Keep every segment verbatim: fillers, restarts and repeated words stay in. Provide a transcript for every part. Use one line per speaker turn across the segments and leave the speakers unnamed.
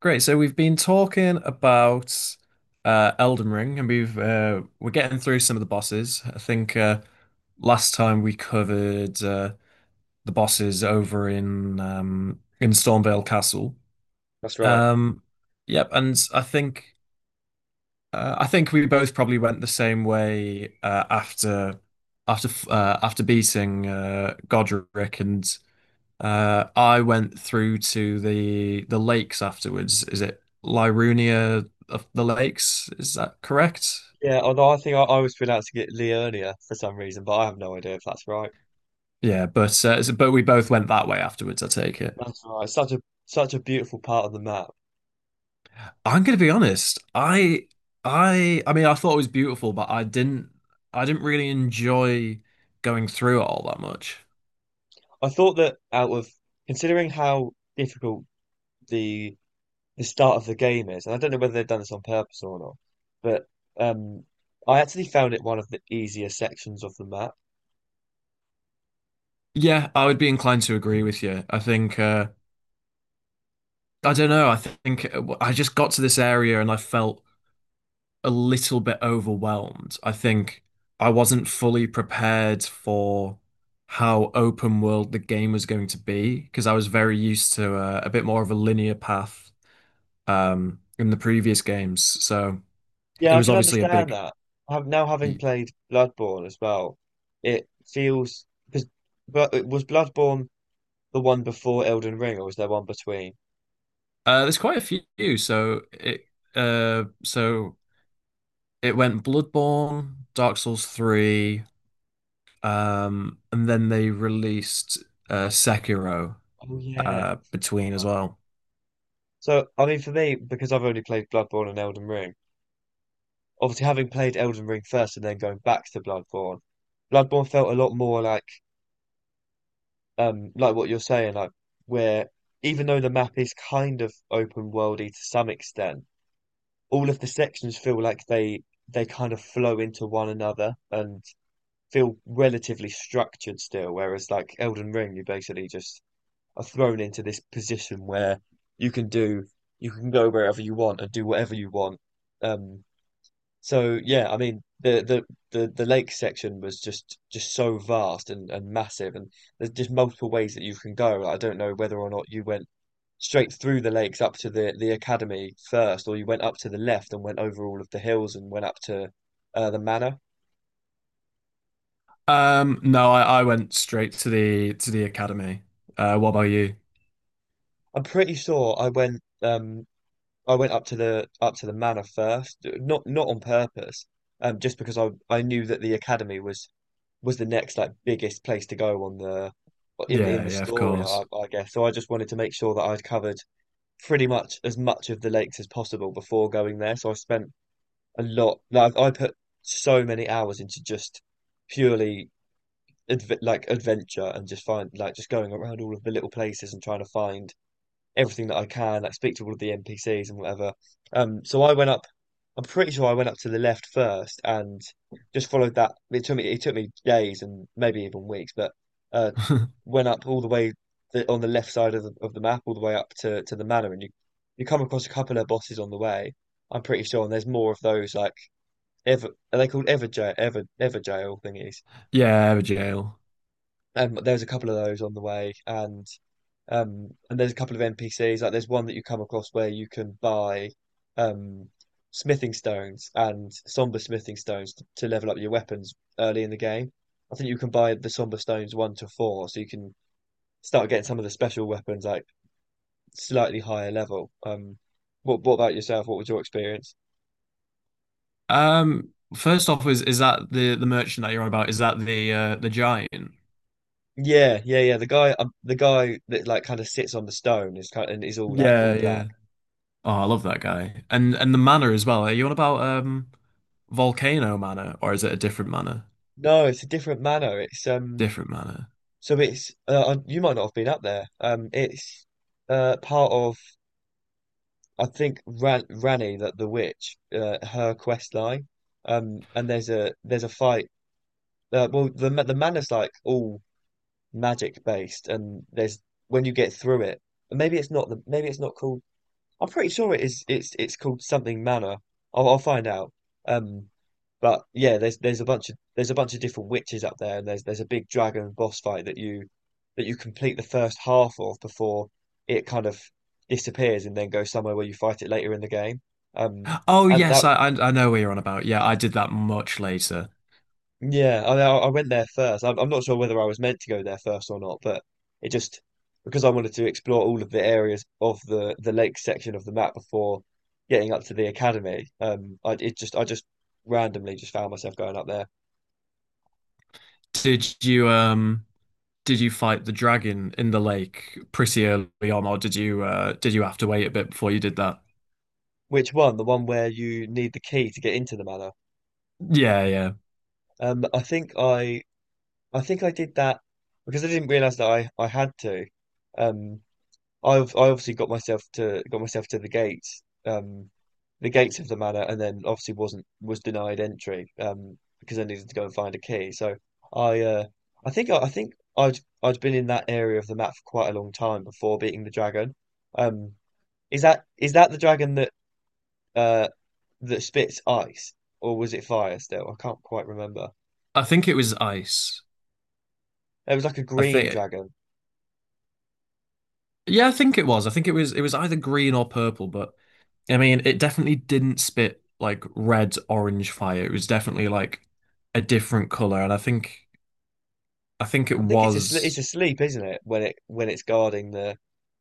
Great. So we've been talking about uh, Elden Ring, and we've uh, we're getting through some of the bosses. I think uh, last time we covered uh, the bosses over in um, in Stormvale Castle.
That's right.
Um, yep, and I think uh, I think we both probably went the same way uh, after after uh, after beating uh, Godric and uh, I went through to the the lakes afterwards. Is it Lirunia of the lakes? Is that correct?
Yeah, although I think I, I was pronouncing it Leonia for some reason, but I have no idea if that's right.
Yeah, but uh, so- but we both went that way afterwards, I take it.
That's right. Such a such a beautiful part of the map.
I'm gonna be honest. I I I mean I thought it was beautiful, but I didn't I didn't really enjoy going through it all that much.
I thought that out of considering how difficult the the start of the game is, and I don't know whether they've done this on purpose or not, but um, I actually found it one of the easier sections of the map.
Yeah, I would be inclined to agree with you. I think uh I don't know, I think uh, I just got to this area and I felt a little bit overwhelmed. I think I wasn't fully prepared for how open world the game was going to be because I was very used to uh, a bit more of a linear path um, in the previous games. So it
Yeah, I
was
can
obviously a
understand
big.
that. I have now having played Bloodborne as well, it feels because but it was Bloodborne the one before Elden Ring, or was there one between?
Uh, there's quite a few. So it uh, so it went Bloodborne, Dark Souls three, um, and then they released uh, Sekiro
Oh yeah.
uh, between as well.
So I mean, for me, because I've only played Bloodborne and Elden Ring, obviously having played Elden Ring first and then going back to Bloodborne, Bloodborne felt a lot more like um like what you're saying, like where even though the map is kind of open worldy to some extent, all of the sections feel like they they kind of flow into one another and feel relatively structured still, whereas like Elden Ring, you basically just are thrown into this position where you can do you can go wherever you want and do whatever you want. Um, so yeah, I mean the, the the the lake section was just just so vast and, and massive, and there's just multiple ways that you can go. I don't know whether or not you went straight through the lakes up to the the academy first, or you went up to the left and went over all of the hills and went up to uh, the manor.
Um, no, I, I went straight to the to the academy. Uh, what about you?
I'm pretty sure I went um I went up to the up to the manor first, not not on purpose, um, just because I I knew that the academy was was the next like biggest place to go on the in the in
Yeah,
the
yeah, of
story, I,
course.
I guess. So I just wanted to make sure that I'd covered pretty much as much of the lakes as possible before going there. So I spent a lot, like I put so many hours into just purely adve like adventure and just find like just going around all of the little places and trying to find everything that I can, like speak to all of the N P Cs and whatever. Um, so I went up. I'm pretty sure I went up to the left first and just followed that. It took me it took me days and maybe even weeks, but uh, went up all the way the, on the left side of the of the map, all the way up to to the manor, and you you come across a couple of bosses on the way. I'm pretty sure, and there's more of those like ever. Are they called ever jail ever ever jail thingies?
Yeah, the jail.
And there's a couple of those on the way, and um, and there's a couple of N P Cs, like there's one that you come across where you can buy um, smithing stones and somber smithing stones to, to level up your weapons early in the game. I think you can buy the somber stones one to four, so you can start getting some of the special weapons like slightly higher level. Um, what what about yourself? What was your experience?
Um, first off, is is that the the merchant that you're on about? Is that the uh the giant?
Yeah, yeah, yeah. The guy, um, the guy that like kind of sits on the stone is kind and is all like
Yeah,
all black.
yeah. Oh, I love that guy. And and the manor as well. Are you on about um Volcano Manor or is it a different manor?
No, it's a different manor. It's um.
Different manor.
So it's uh, uh, you might not have been up there. Um, it's uh part of I think Ran Rani that the witch uh, her quest line. Um, and there's a there's a fight. Uh, well, the ma- the manor's like all magic based, and there's when you get through it. And maybe it's not the maybe it's not called I'm pretty sure it is. It's it's called something manor. I'll, I'll find out. Um, but yeah, there's there's a bunch of there's a bunch of different witches up there, and there's there's a big dragon boss fight that you that you complete the first half of before it kind of disappears and then goes somewhere where you fight it later in the game. Um,
Oh
and
yes,
that
I I, I know what you're on about. Yeah, I did that much later.
Yeah, I, I went there first. I'm, I'm not sure whether I was meant to go there first or not, but it just because I wanted to explore all of the areas of the the lake section of the map before getting up to the academy. Um, I it just I just randomly just found myself going up there.
Did you um? Did you fight the dragon in the lake pretty early on, or did you uh did you have to wait a bit before you did that?
Which one? The one where you need the key to get into the manor.
Yeah, yeah.
Um, I think I I think I did that because I didn't realize that I I had to. um, I've I obviously got myself to got myself to the gates, um, the gates of the manor, and then obviously wasn't was denied entry um, because I needed to go and find a key. So I uh, I think I, I think I'd I'd been in that area of the map for quite a long time before beating the dragon. Um, is that is that the dragon that uh, that spits ice, or was it fire still? I can't quite remember.
I think it was ice.
It was like a
I
green
think
dragon.
yeah, I think it was. I think it was it was either green or purple, but I mean it definitely didn't spit like red orange fire. It was definitely like a different color, and I think I think it
I think it's a it's
was
asleep, isn't it? When it when it's guarding the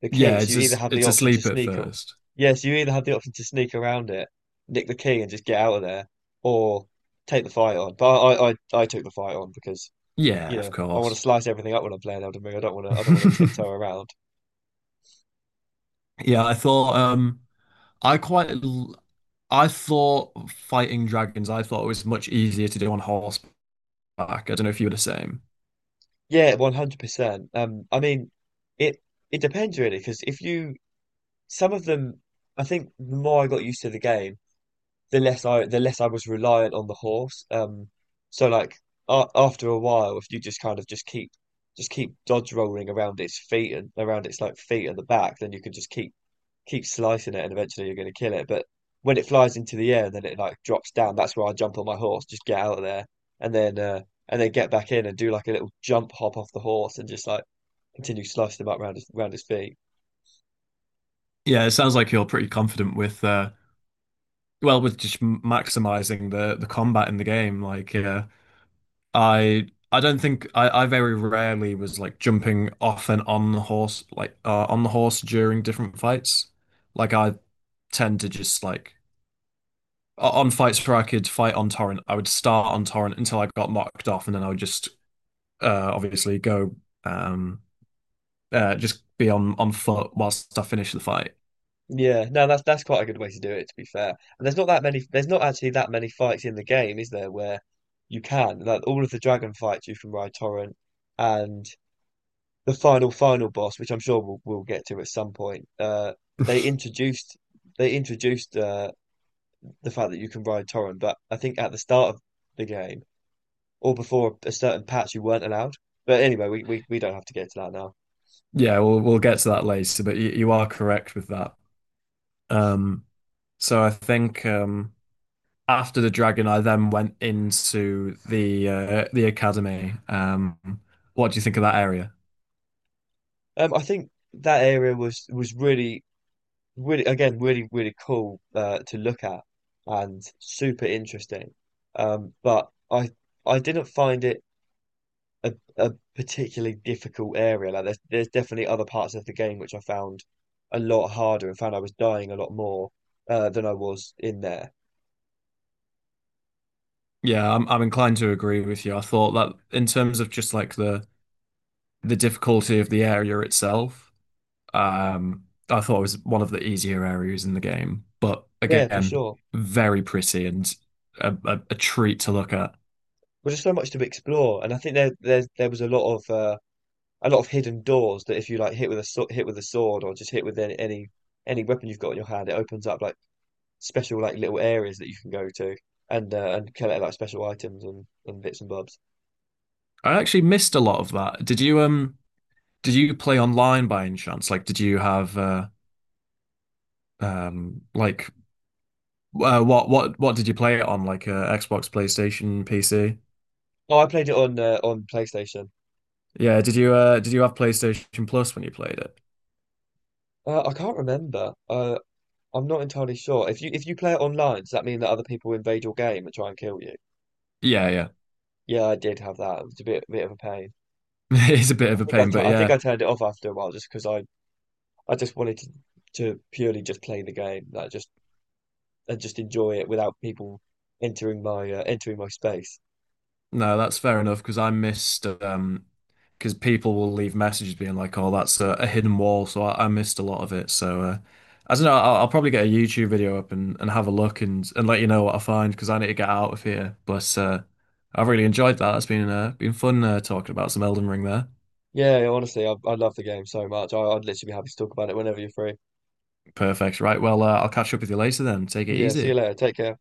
the key.
yeah,
So
it's
you either
just,
have the
it's
option to
asleep at
sneak, a-
first.
yeah, so you either have the option to sneak around it, nick the key, and just get out of there, or take the fight on. But I, I, I took the fight on because you
Yeah, of
know I want to
course.
slice everything up when I'm playing Elden Ring. I don't want to, I don't want to tiptoe around.
Yeah, I thought um I quite l- I thought fighting dragons, I thought it was much easier to do on horseback. I don't know if you were the same.
Yeah, one hundred percent. Um, I mean, it it depends really because if you some of them, I think the more I got used to the game, the less I the less I was reliant on the horse. Um, so like a after a while, if you just kind of just keep just keep dodge rolling around its feet and around its like feet and the back, then you can just keep keep slicing it, and eventually you're going to kill it. But when it flies into the air and then it like drops down, that's where I jump on my horse, just get out of there, and then uh, and then get back in and do like a little jump hop off the horse and just like continue slicing them up round his round his feet.
Yeah, it sounds like you're pretty confident with uh well with just maximizing the the combat in the game. Like yeah, I I don't think I, I very rarely was like jumping off and on the horse like uh, on the horse during different fights. Like I tend to just like o- on fights where I could fight on torrent, I would start on torrent until I got knocked off and then I would just uh obviously go um uh, just be on on foot whilst I finish the fight.
Yeah, no, that's that's quite a good way to do it, to be fair. And there's not that many, there's not actually that many fights in the game, is there, where you can, like all of the dragon fights you can ride Torrent, and the final final boss, which I'm sure we'll, we'll get to at some point. Uh, they introduced they introduced uh, the fact that you can ride Torrent, but I think at the start of the game or before a certain patch, you weren't allowed. But anyway, we we, we don't have to get to that now.
Yeah, we'll we'll get to that later, but you, you are correct with that. Um, so I think um, after the dragon, I then went into the uh, the academy. Um, what do you think of that area?
Um, I think that area was was really really again really really cool uh, to look at and super interesting, um, but I I didn't find it a, a particularly difficult area like there's there's definitely other parts of the game which I found a lot harder and found I was dying a lot more uh, than I was in there.
Yeah, I'm I'm inclined to agree with you. I thought that in terms of just like the the difficulty of the area itself, um, I thought it was one of the easier areas in the game, but
Yeah, for
again,
sure,
very pretty and a, a, a treat to look at.
but there's so much to explore and I think there there there was a lot of uh, a lot of hidden doors that if you like hit with a sw- hit with a sword or just hit with any any any weapon you've got in your hand, it opens up like special like little areas that you can go to and uh, and collect like special items and, and bits and bobs.
I actually missed a lot of that. Did you um did you play online by any chance? Like, did you have uh um like uh, what what what did you play it on? Like uh, Xbox, PlayStation, P C?
Oh, I played it on uh, on PlayStation.
Yeah, did you uh did you have PlayStation Plus when you played it?
Uh, I can't remember. Uh, I'm not entirely sure. If you if you play it online, does that mean that other people invade your game and try and kill you?
Yeah, yeah.
Yeah, I did have that. It was a bit bit of a pain.
It's a bit
I
of a
think I,
pain,
t
but
I think
yeah.
I turned it off after a while just because I I just wanted to to purely just play the game, like just and just enjoy it without people entering my uh, entering my space.
No, that's fair enough because I missed um because people will leave messages being like, "Oh, that's a, a hidden wall," so I, I missed a lot of it. So uh, I don't know. I'll, I'll probably get a YouTube video up and, and have a look and and let you know what I find because I need to get out of here. But uh, I've really enjoyed that. It's been uh, been fun uh, talking about some Elden Ring there.
Yeah, honestly, I, I love the game so much. I, I'd literally be happy to talk about it whenever you're free.
Perfect. Right. Well, uh, I'll catch up with you later then. Take it
Yeah, see you
easy.
later. Take care.